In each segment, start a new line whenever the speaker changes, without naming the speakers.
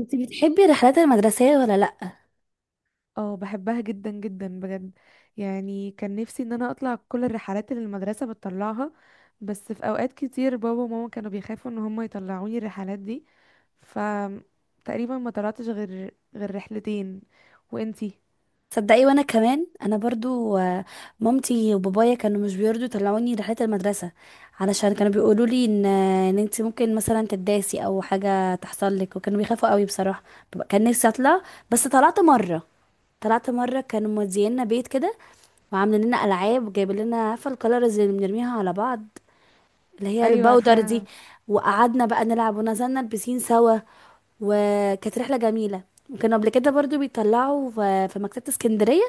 انت بتحبي الرحلات المدرسية ولا لأ؟
اه، بحبها جدا جدا بجد. يعني كان نفسي ان انا اطلع كل الرحلات اللي المدرسة بتطلعها. بس في اوقات كتير بابا وماما كانوا بيخافوا ان هم يطلعوني الرحلات دي. ف تقريبا ما طلعتش غير رحلتين. وانتي؟
تصدقي؟ وانا كمان، انا برضو مامتي وبابايا كانوا مش بيرضوا يطلعوني رحلات المدرسة، علشان كانوا بيقولوا لي ان انت ممكن مثلا تداسي او حاجة تحصل لك، وكانوا بيخافوا قوي بصراحة. كان نفسي اطلع، بس طلعت مرة، كانوا مودينا بيت كده، وعاملين لنا العاب وجايبين لنا، عارفة الكلرز اللي بنرميها على بعض، اللي هي
ايوه،
الباودر دي.
عارفاها.
وقعدنا بقى نلعب ونزلنا البسين سوا، وكانت رحلة جميلة. وكانوا قبل كده برضو بيطلعوا في مكتبة اسكندرية.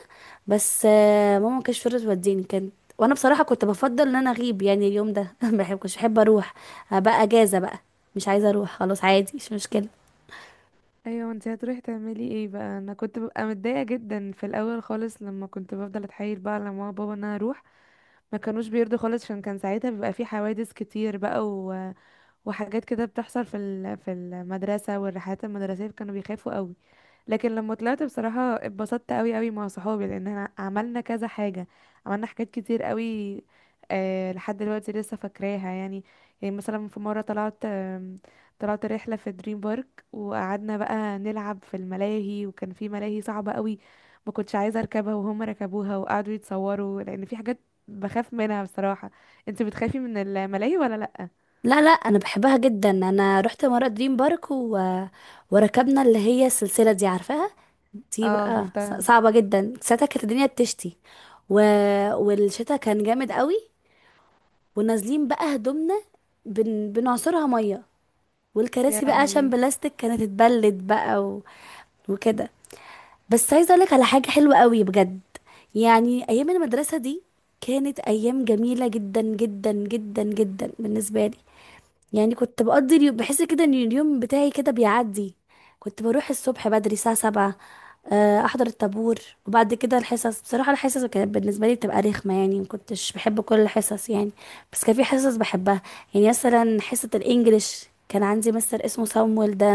بس ماما ما كانتش فضلت توديني، كانت. وانا بصراحة كنت بفضل ان انا اغيب يعني اليوم ده ما بحب- كنتش بحب اروح. بقى اجازة بقى، مش عايزة اروح، خلاص عادي مش مشكلة.
ايوه، انتي هتروحي تعملي ايه بقى؟ انا كنت ببقى متضايقه جدا في الاول خالص لما كنت بفضل اتحايل بقى على ماما وبابا ان انا اروح. ما كانوش بيرضوا خالص عشان كان ساعتها بيبقى في حوادث كتير بقى، وحاجات كده بتحصل في المدرسة، والرحلات المدرسية كانوا بيخافوا قوي. لكن لما طلعت بصراحة اتبسطت قوي قوي مع صحابي لان احنا عملنا كذا حاجة، عملنا حاجات كتير قوي. آه، لحد دلوقتي لسه فاكراها يعني. يعني مثلا في مرة طلعت رحلة في دريم بارك، وقعدنا بقى نلعب في الملاهي، وكان في ملاهي صعبة قوي ما كنتش عايزة اركبها، وهم ركبوها وقعدوا يتصوروا لان في حاجات بخاف منها بصراحة. انت بتخافي من الملاهي ولا لا؟
لا لا، انا بحبها جدا. انا رحت مرة دريم بارك وركبنا اللي هي السلسلة دي، عارفاها؟ دي
اه،
بقى
شفتها.
صعبة جدا، ساعتها كانت الدنيا بتشتي و... والشتا كان جامد قوي، ونازلين بقى هدومنا بنعصرها مية،
يا
والكراسي بقى عشان
لهوي.
بلاستيك كانت اتبلت بقى وكده. بس عايزة اقولك على حاجة حلوة قوي بجد. يعني ايام المدرسة دي كانت ايام جميلة جدا جدا جدا جدا بالنسبة لي. يعني كنت بقضي اليوم بحس كده ان اليوم بتاعي كده بيعدي. كنت بروح الصبح بدري الساعة 7، احضر الطابور، وبعد كده الحصص. بصراحة الحصص كانت بالنسبة لي بتبقى رخمة، يعني ما كنتش بحب كل الحصص يعني. بس كان في حصص بحبها. يعني مثلا حصة الانجليش، كان عندي مستر اسمه صامويل ده،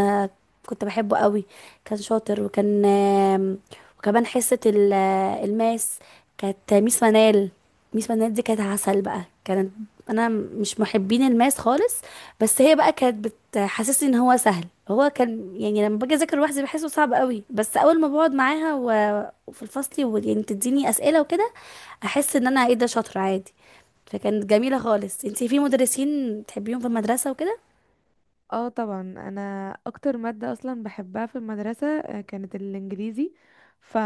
كنت بحبه قوي، كان شاطر، وكان آم، وكمان حصة الماس، كانت ميس منال. ميس منال دي كانت عسل بقى، كانت. انا مش محبين الماس خالص، بس هي بقى كانت بتحسسني ان هو سهل. هو كان يعني لما باجي اذاكر لوحدي بحسه صعب قوي، بس اول ما بقعد معاها وفي الفصل يعني تديني اسئله وكده، احس ان انا ايه ده، شاطره عادي. فكانت جميله خالص. انتي في مدرسين تحبيهم في المدرسه وكده؟
اه طبعا، انا اكتر ماده اصلا بحبها في المدرسه كانت الانجليزي. ف...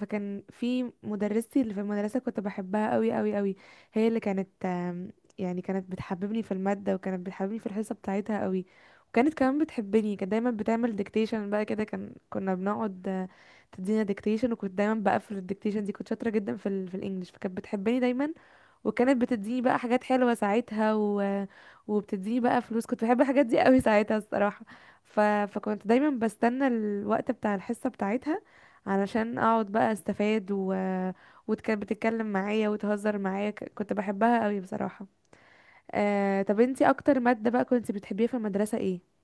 فكان في مدرستي اللي في المدرسه كنت بحبها قوي قوي قوي، هي اللي كانت يعني كانت بتحببني في الماده، وكانت بتحببني في الحصه بتاعتها قوي. وكانت كمان بتحبني، كانت دايما بتعمل ديكتيشن بقى كده، كنا بنقعد، تدينا ديكتيشن. وكنت دايما بقفل الديكتيشن دي، كنت شاطره جدا في الانجليش. فكانت بتحبني دايما، وكانت بتديني بقى حاجات حلوة ساعتها وبتديني بقى فلوس. كنت بحب الحاجات دي قوي ساعتها الصراحة. فكنت دايما بستنى الوقت بتاع الحصة بتاعتها علشان اقعد بقى استفاد، وكانت بتتكلم معايا وتهزر معايا، كنت بحبها قوي بصراحة. طب انتي اكتر مادة بقى كنت بتحبيها في المدرسة ايه؟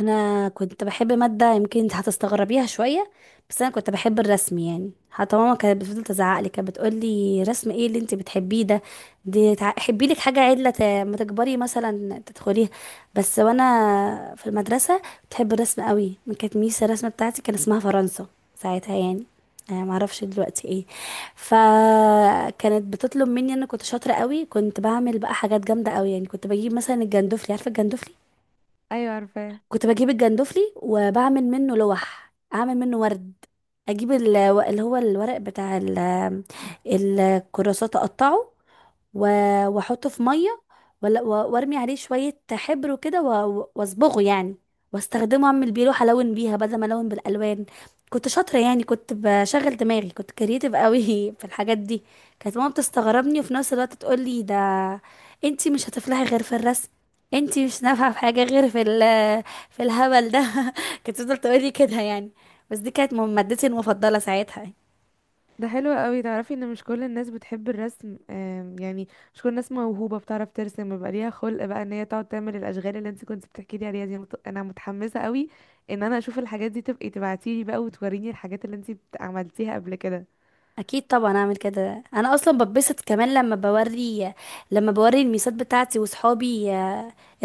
انا كنت بحب ماده يمكن انت هتستغربيها شويه، بس انا كنت بحب الرسم. يعني حتى ماما كانت بتفضل تزعق لي، كانت بتقول لي رسم ايه اللي انت بتحبيه ده، دي حبي لك حاجه عدله ما تكبري مثلا تدخليها. بس وانا في المدرسه بتحب الرسم قوي. كانت ميس الرسمه بتاعتي كان اسمها فرنسا ساعتها يعني، أنا معرفش دلوقتي ايه. فكانت بتطلب مني، انا كنت شاطره قوي، كنت بعمل بقى حاجات جامده قوي. يعني كنت بجيب مثلا الجندفلي، عارفه الجندفلي؟
ايوه، عارفاه.
كنت بجيب الجندفلي وبعمل منه لوح، اعمل منه ورد، اجيب اللي هو الورق بتاع الكراسات، اقطعه واحطه في ميه، وارمي عليه شويه حبر وكده واصبغه يعني، واستخدمه اعمل بيه لوحه، الون بيها بدل ما الون بالالوان. كنت شاطره يعني، كنت بشغل دماغي، كنت كرييتيف قوي في الحاجات دي. كانت ماما بتستغربني، وفي نفس الوقت تقول لي ده، انتي مش هتفلحي غير في الرسم، انتي مش نافعه في حاجه غير في في الهبل ده كانت تفضل تقولي كده يعني. بس دي كانت مادتي المفضلة ساعتها.
ده حلو قوي. تعرفي ان مش كل الناس بتحب الرسم، يعني مش كل الناس موهوبة بتعرف ترسم، بيبقى ليها خلق بقى ان هي تقعد تعمل الاشغال اللي انت كنت بتحكي لي عليها دي. انا متحمسة قوي ان انا اشوف الحاجات دي. تبقي تبعتيلي بقى وتوريني الحاجات اللي انت عملتيها قبل كده.
اكيد طبعا اعمل كده، انا اصلا بتبسط كمان لما بوري، لما بوري الميسات بتاعتي وصحابي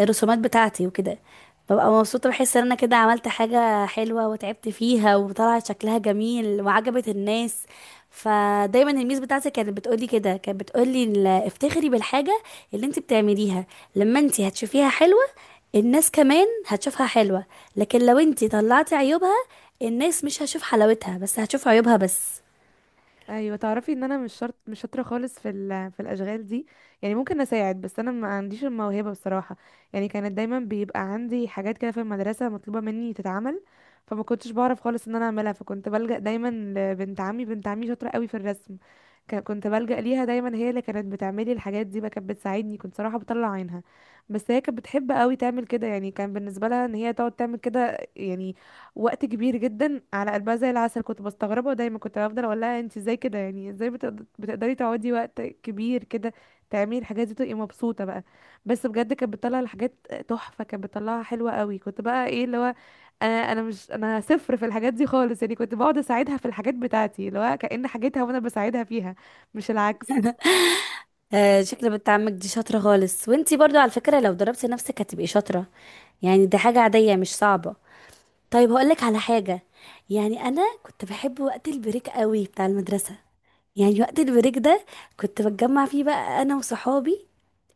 الرسومات بتاعتي وكده، ببقى مبسوطة، بحس ان انا كده عملت حاجة حلوة وتعبت فيها وطلعت شكلها جميل وعجبت الناس. فدايما الميس بتاعتي كانت بتقولي كده، كانت بتقولي افتخري بالحاجة اللي انت بتعمليها، لما انت هتشوفيها حلوة، الناس كمان هتشوفها حلوة. لكن لو انتي طلعتي عيوبها، الناس مش هتشوف حلاوتها، بس هتشوف عيوبها بس.
ايوه، تعرفي ان انا مش شرط مش شاطره خالص في الاشغال دي. يعني ممكن اساعد بس انا ما عنديش الموهبه بصراحه. يعني كانت دايما بيبقى عندي حاجات كده في المدرسه مطلوبه مني تتعمل، فما كنتش بعرف خالص ان انا اعملها، فكنت بلجأ دايما لبنت عمي. بنت عمي شاطره قوي في الرسم، كنت بلجأ ليها دايما. هي اللي كانت بتعملي الحاجات دي بقى، كانت بتساعدني، كنت صراحه بطلع عينها. بس هي كانت بتحب قوي تعمل كده، يعني كان بالنسبه لها ان هي تقعد تعمل كده يعني وقت كبير جدا على قلبها زي العسل. كنت بستغربها، ودايما كنت بفضل اقول لها انت ازاي كده، يعني ازاي بتقدري تقعدي وقت كبير كده تعملي الحاجات دي تبقي مبسوطه بقى؟ بس بجد كانت بتطلع الحاجات تحفه، كانت بتطلعها حلوه قوي. كنت بقى ايه اللي هو، انا انا مش انا صفر في الحاجات دي خالص يعني. كنت بقعد اساعدها في الحاجات بتاعتي اللي هو كأن حاجتها وانا بساعدها فيها مش العكس.
آه، شكل بنت عمك دي شاطرة خالص، وانتي برضو على فكرة لو ضربتي نفسك هتبقي شاطرة. يعني دي حاجة عادية، مش صعبة. طيب هقولك على حاجة. يعني انا كنت بحب وقت البريك قوي بتاع المدرسة. يعني وقت البريك ده كنت بتجمع فيه بقى انا وصحابي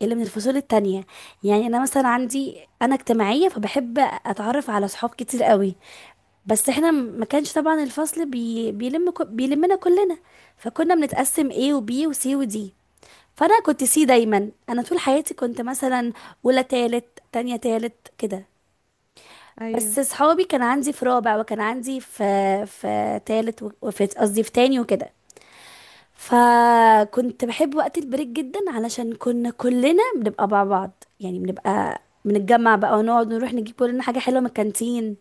اللي من الفصول التانية. يعني انا مثلا عندي، انا اجتماعية فبحب اتعرف على صحاب كتير قوي. بس احنا ما كانش طبعا الفصل بيلمنا كلنا، فكنا بنتقسم A و B و C و D. فانا كنت سي دايما، انا طول حياتي كنت مثلا اولى تالت تانية تالت كده.
ايوه.
بس صحابي كان عندي في رابع، وكان عندي في تالت، وفي قصدي في تاني وكده. فكنت بحب وقت البريك جدا علشان كنا كلنا بنبقى مع بعض، يعني بنبقى بنتجمع بقى ونقعد نروح نجيب كلنا حاجة حلوة من الكانتين،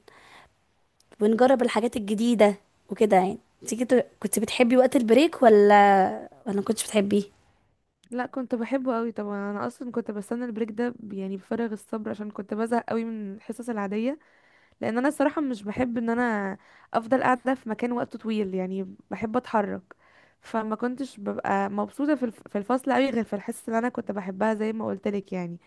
ونجرب الحاجات الجديدة وكده يعني. انت كنت، كنت بتحبي وقت البريك ولا ما كنتش بتحبيه؟
لا، كنت بحبه قوي طبعا. انا اصلا كنت بستنى البريك ده، يعني بفارغ الصبر عشان كنت بزهق قوي من الحصص العاديه. لان انا الصراحه مش بحب ان انا افضل قاعده في مكان وقت طويل، يعني بحب اتحرك. فما كنتش ببقى مبسوطه في الفصل قوي غير في الحصه اللي انا كنت بحبها زي ما قلت لك يعني.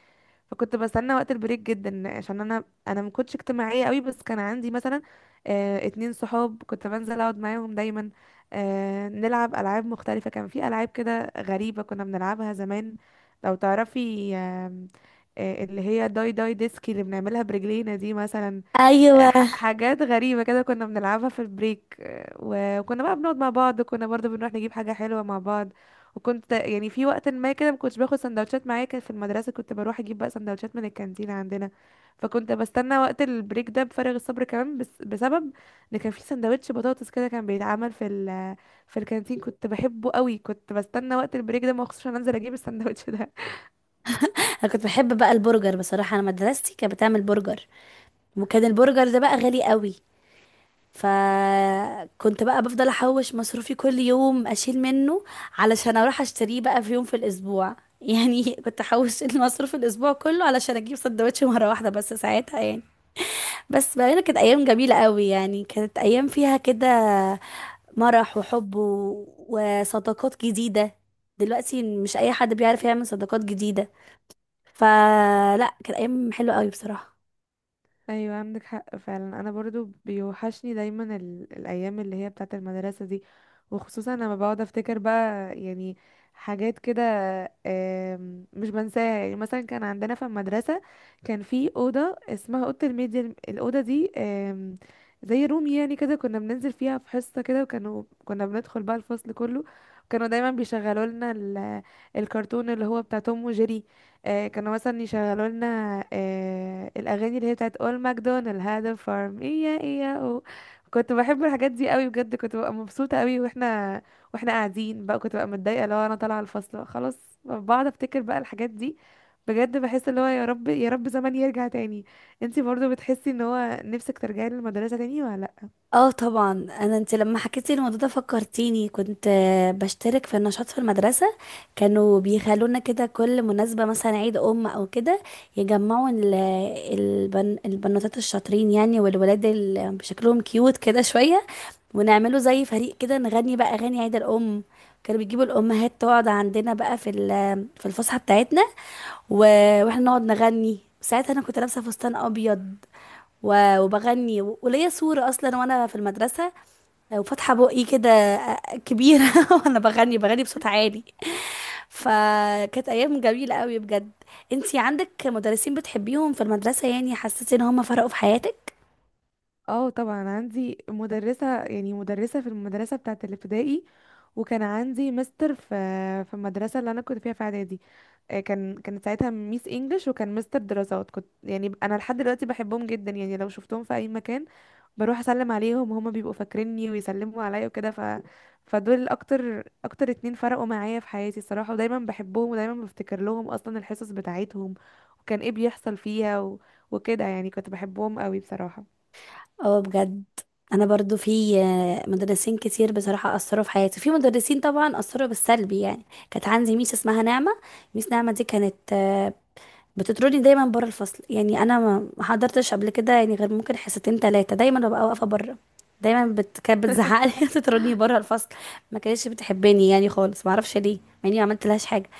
فكنت بستنى وقت البريك جدا عشان انا ما كنتش اجتماعيه قوي. بس كان عندي مثلا اتنين صحاب كنت بنزل اقعد معاهم دايما، نلعب العاب مختلفه. كان في العاب كده غريبه كنا بنلعبها زمان لو تعرفي، آم، آه، اللي هي داي داي ديسكي اللي بنعملها برجلينا دي مثلا.
ايوه.
حاجات غريبة كده كنا بنلعبها في البريك. وكنا بقى بنقعد مع بعض، كنا برضه بنروح نجيب حاجة حلوة مع بعض. وكنت يعني في وقت ما كده ما كنتش باخد سندوتشات معايا، كان في المدرسة كنت بروح اجيب بقى سندوتشات من الكانتين عندنا. فكنت بستنى وقت البريك ده بفارغ الصبر كمان، بس بسبب ان كان في سندوتش بطاطس كده كان بيتعمل في الكانتين كنت بحبه قوي، كنت بستنى وقت البريك ده مخصوص عشان انزل اجيب السندوتش ده.
انا كنت بحب بقى البرجر. بصراحة انا مدرستي كانت بتعمل برجر، وكان البرجر ده بقى غالي قوي. فكنت بقى بفضل احوش مصروفي كل يوم، اشيل منه علشان اروح اشتريه بقى في يوم في الاسبوع يعني كنت احوش المصروف الاسبوع كله علشان اجيب سندوتش مره واحده بس ساعتها يعني. بس بقى كانت ايام جميله قوي، يعني كانت ايام فيها كده مرح وحب وصداقات جديدة. دلوقتي مش أي حد بيعرف يعمل صداقات جديدة. فلا، كانت أيام حلوة قوي بصراحة.
ايوه، عندك حق فعلا. انا برضو بيوحشني دايما الايام اللي هي بتاعه المدرسه دي. وخصوصا لما بقعد افتكر بقى يعني حاجات كده، مش بنساها. يعني مثلا كان عندنا في المدرسه كان في اوضه اسمها اوضه الميديا، الاوضه دي زي روم يعني كده، كنا بننزل فيها في حصه كده، كنا بندخل بقى الفصل كله. كانوا دايما بيشغلوا لنا الكرتون اللي هو بتاع توم وجيري. كانوا مثلا يشغلوا لنا الاغاني اللي هي بتاعت اول ماكدونالد، هذا فارم ايا ايا أو. كنت بحب الحاجات دي قوي بجد، كنت ببقى مبسوطه قوي واحنا قاعدين بقى. كنت ببقى متضايقه لو انا طالعه الفصل خلاص، بقعد افتكر بقى الحاجات دي. بجد بحس اللي هو يا رب يا رب زمان يرجع تاني. انتي برضو بتحسي ان هو نفسك ترجعي للمدرسه تاني ولا لا؟
اه طبعا. انا، انت لما حكيتي الموضوع ده فكرتيني، كنت بشترك في النشاط في المدرسه. كانوا بيخلونا كده كل مناسبه مثلا عيد ام او كده، يجمعوا البنوتات الشاطرين يعني، والولاد اللي بشكلهم كيوت كده شويه، ونعملوا زي فريق كده، نغني بقى اغاني عيد الام. كانوا بيجيبوا الامهات تقعد عندنا بقى في في الفسحه بتاعتنا، واحنا نقعد نغني. ساعتها انا كنت لابسه فستان ابيض، وبغني، وليا صورة أصلا وأنا في المدرسة، وفاتحة بقي كده كبيرة وأنا بغني بغني بصوت عالي. فكانت أيام جميلة قوي بجد. انتي عندك مدرسين بتحبيهم في المدرسة، يعني حسيتي إن هم فرقوا في حياتك؟
اه طبعا. عندي مدرسه، يعني مدرسه في المدرسه بتاعت الابتدائي، وكان عندي مستر في المدرسه اللي انا كنت فيها في اعدادي. كانت ساعتها ميس انجلش، وكان مستر دراسات. كنت يعني انا لحد دلوقتي بحبهم جدا، يعني لو شفتهم في اي مكان بروح اسلم عليهم، هما بيبقوا فاكريني ويسلموا عليا وكده. فدول اكتر اكتر اتنين فرقوا معايا في حياتي الصراحة، ودايما بحبهم ودايما بفتكر لهم اصلا الحصص بتاعتهم وكان ايه بيحصل فيها وكده يعني كنت بحبهم قوي بصراحة.
اه بجد. أنا برضو في مدرسين كتير بصراحة أثروا في حياتي. في مدرسين طبعا أثروا بالسلبي يعني، كانت عندي ميس اسمها نعمة. ميس نعمة دي كانت بتطردني دايما بره الفصل. يعني انا ما حضرتش قبل كده يعني غير ممكن حصتين تلاتة، دايما ببقى واقفه بره. دايما كانت بتزعقلي تطردني بره الفصل. ما كانتش بتحبني يعني خالص، ما اعرفش ليه، مع اني ما عملت لهاش حاجه.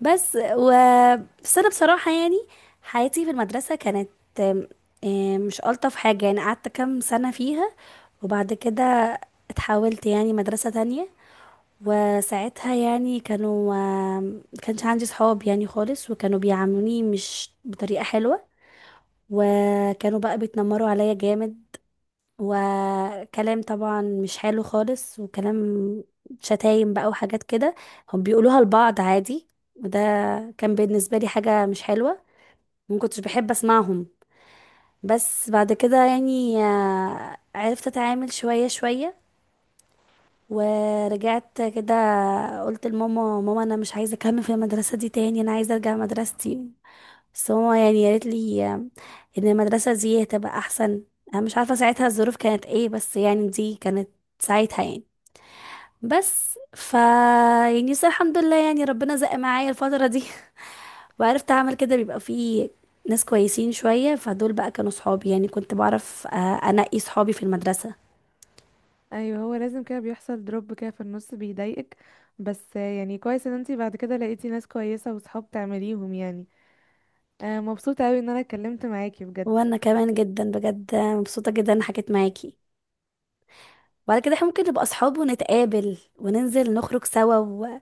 بس و بس انا بصراحه يعني حياتي في المدرسه كانت آم، آم، مش الطف حاجه. يعني قعدت كام سنه فيها، وبعد كده اتحولت يعني مدرسه تانية. وساعتها يعني كانوا، ما كانش عندي صحاب يعني خالص، وكانوا بيعاملوني مش بطريقة حلوة، وكانوا بقى بيتنمروا عليا جامد. وكلام طبعا مش حلو خالص، وكلام شتايم بقى وحاجات كده، هم بيقولوها لبعض عادي. وده كان بالنسبة لي حاجة مش حلوة، ما كنتش بحب اسمعهم. بس بعد كده يعني عرفت اتعامل شوية شوية، ورجعت كده. قلت لماما، ماما انا مش عايزه اكمل في المدرسه دي تاني، انا عايزه ارجع مدرستي. بس ماما يعني قالت لي ان المدرسه دي هتبقى احسن. انا مش عارفه ساعتها الظروف كانت ايه، بس يعني دي كانت ساعتها يعني. بس ف يعني بس الحمد لله يعني ربنا زق معايا الفتره دي وعرفت اعمل كده. بيبقى فيه ناس كويسين شويه، فدول بقى كانوا صحابي. يعني كنت بعرف انقي صحابي في المدرسه.
ايوه، هو لازم كده بيحصل دروب كده في النص بيضايقك. بس يعني كويس ان انتي بعد كده لقيتي ناس كويسة وصحاب تعمليهم يعني. مبسوطة اوي ان انا اتكلمت معاكي بجد.
وانا كمان جدا بجد مبسوطه جدا إني حكيت معاكي. وبعد كده احنا ممكن نبقى اصحاب ونتقابل وننزل نخرج سوا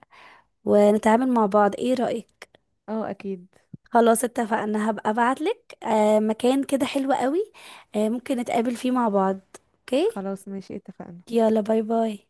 ونتعامل مع بعض، ايه رأيك؟
اه اكيد.
خلاص، اتفقنا. هبقى ابعتلك آه مكان كده حلو قوي، آه ممكن نتقابل فيه مع بعض. اوكي.
خلاص ماشي، اتفقنا.
يلا باي باي.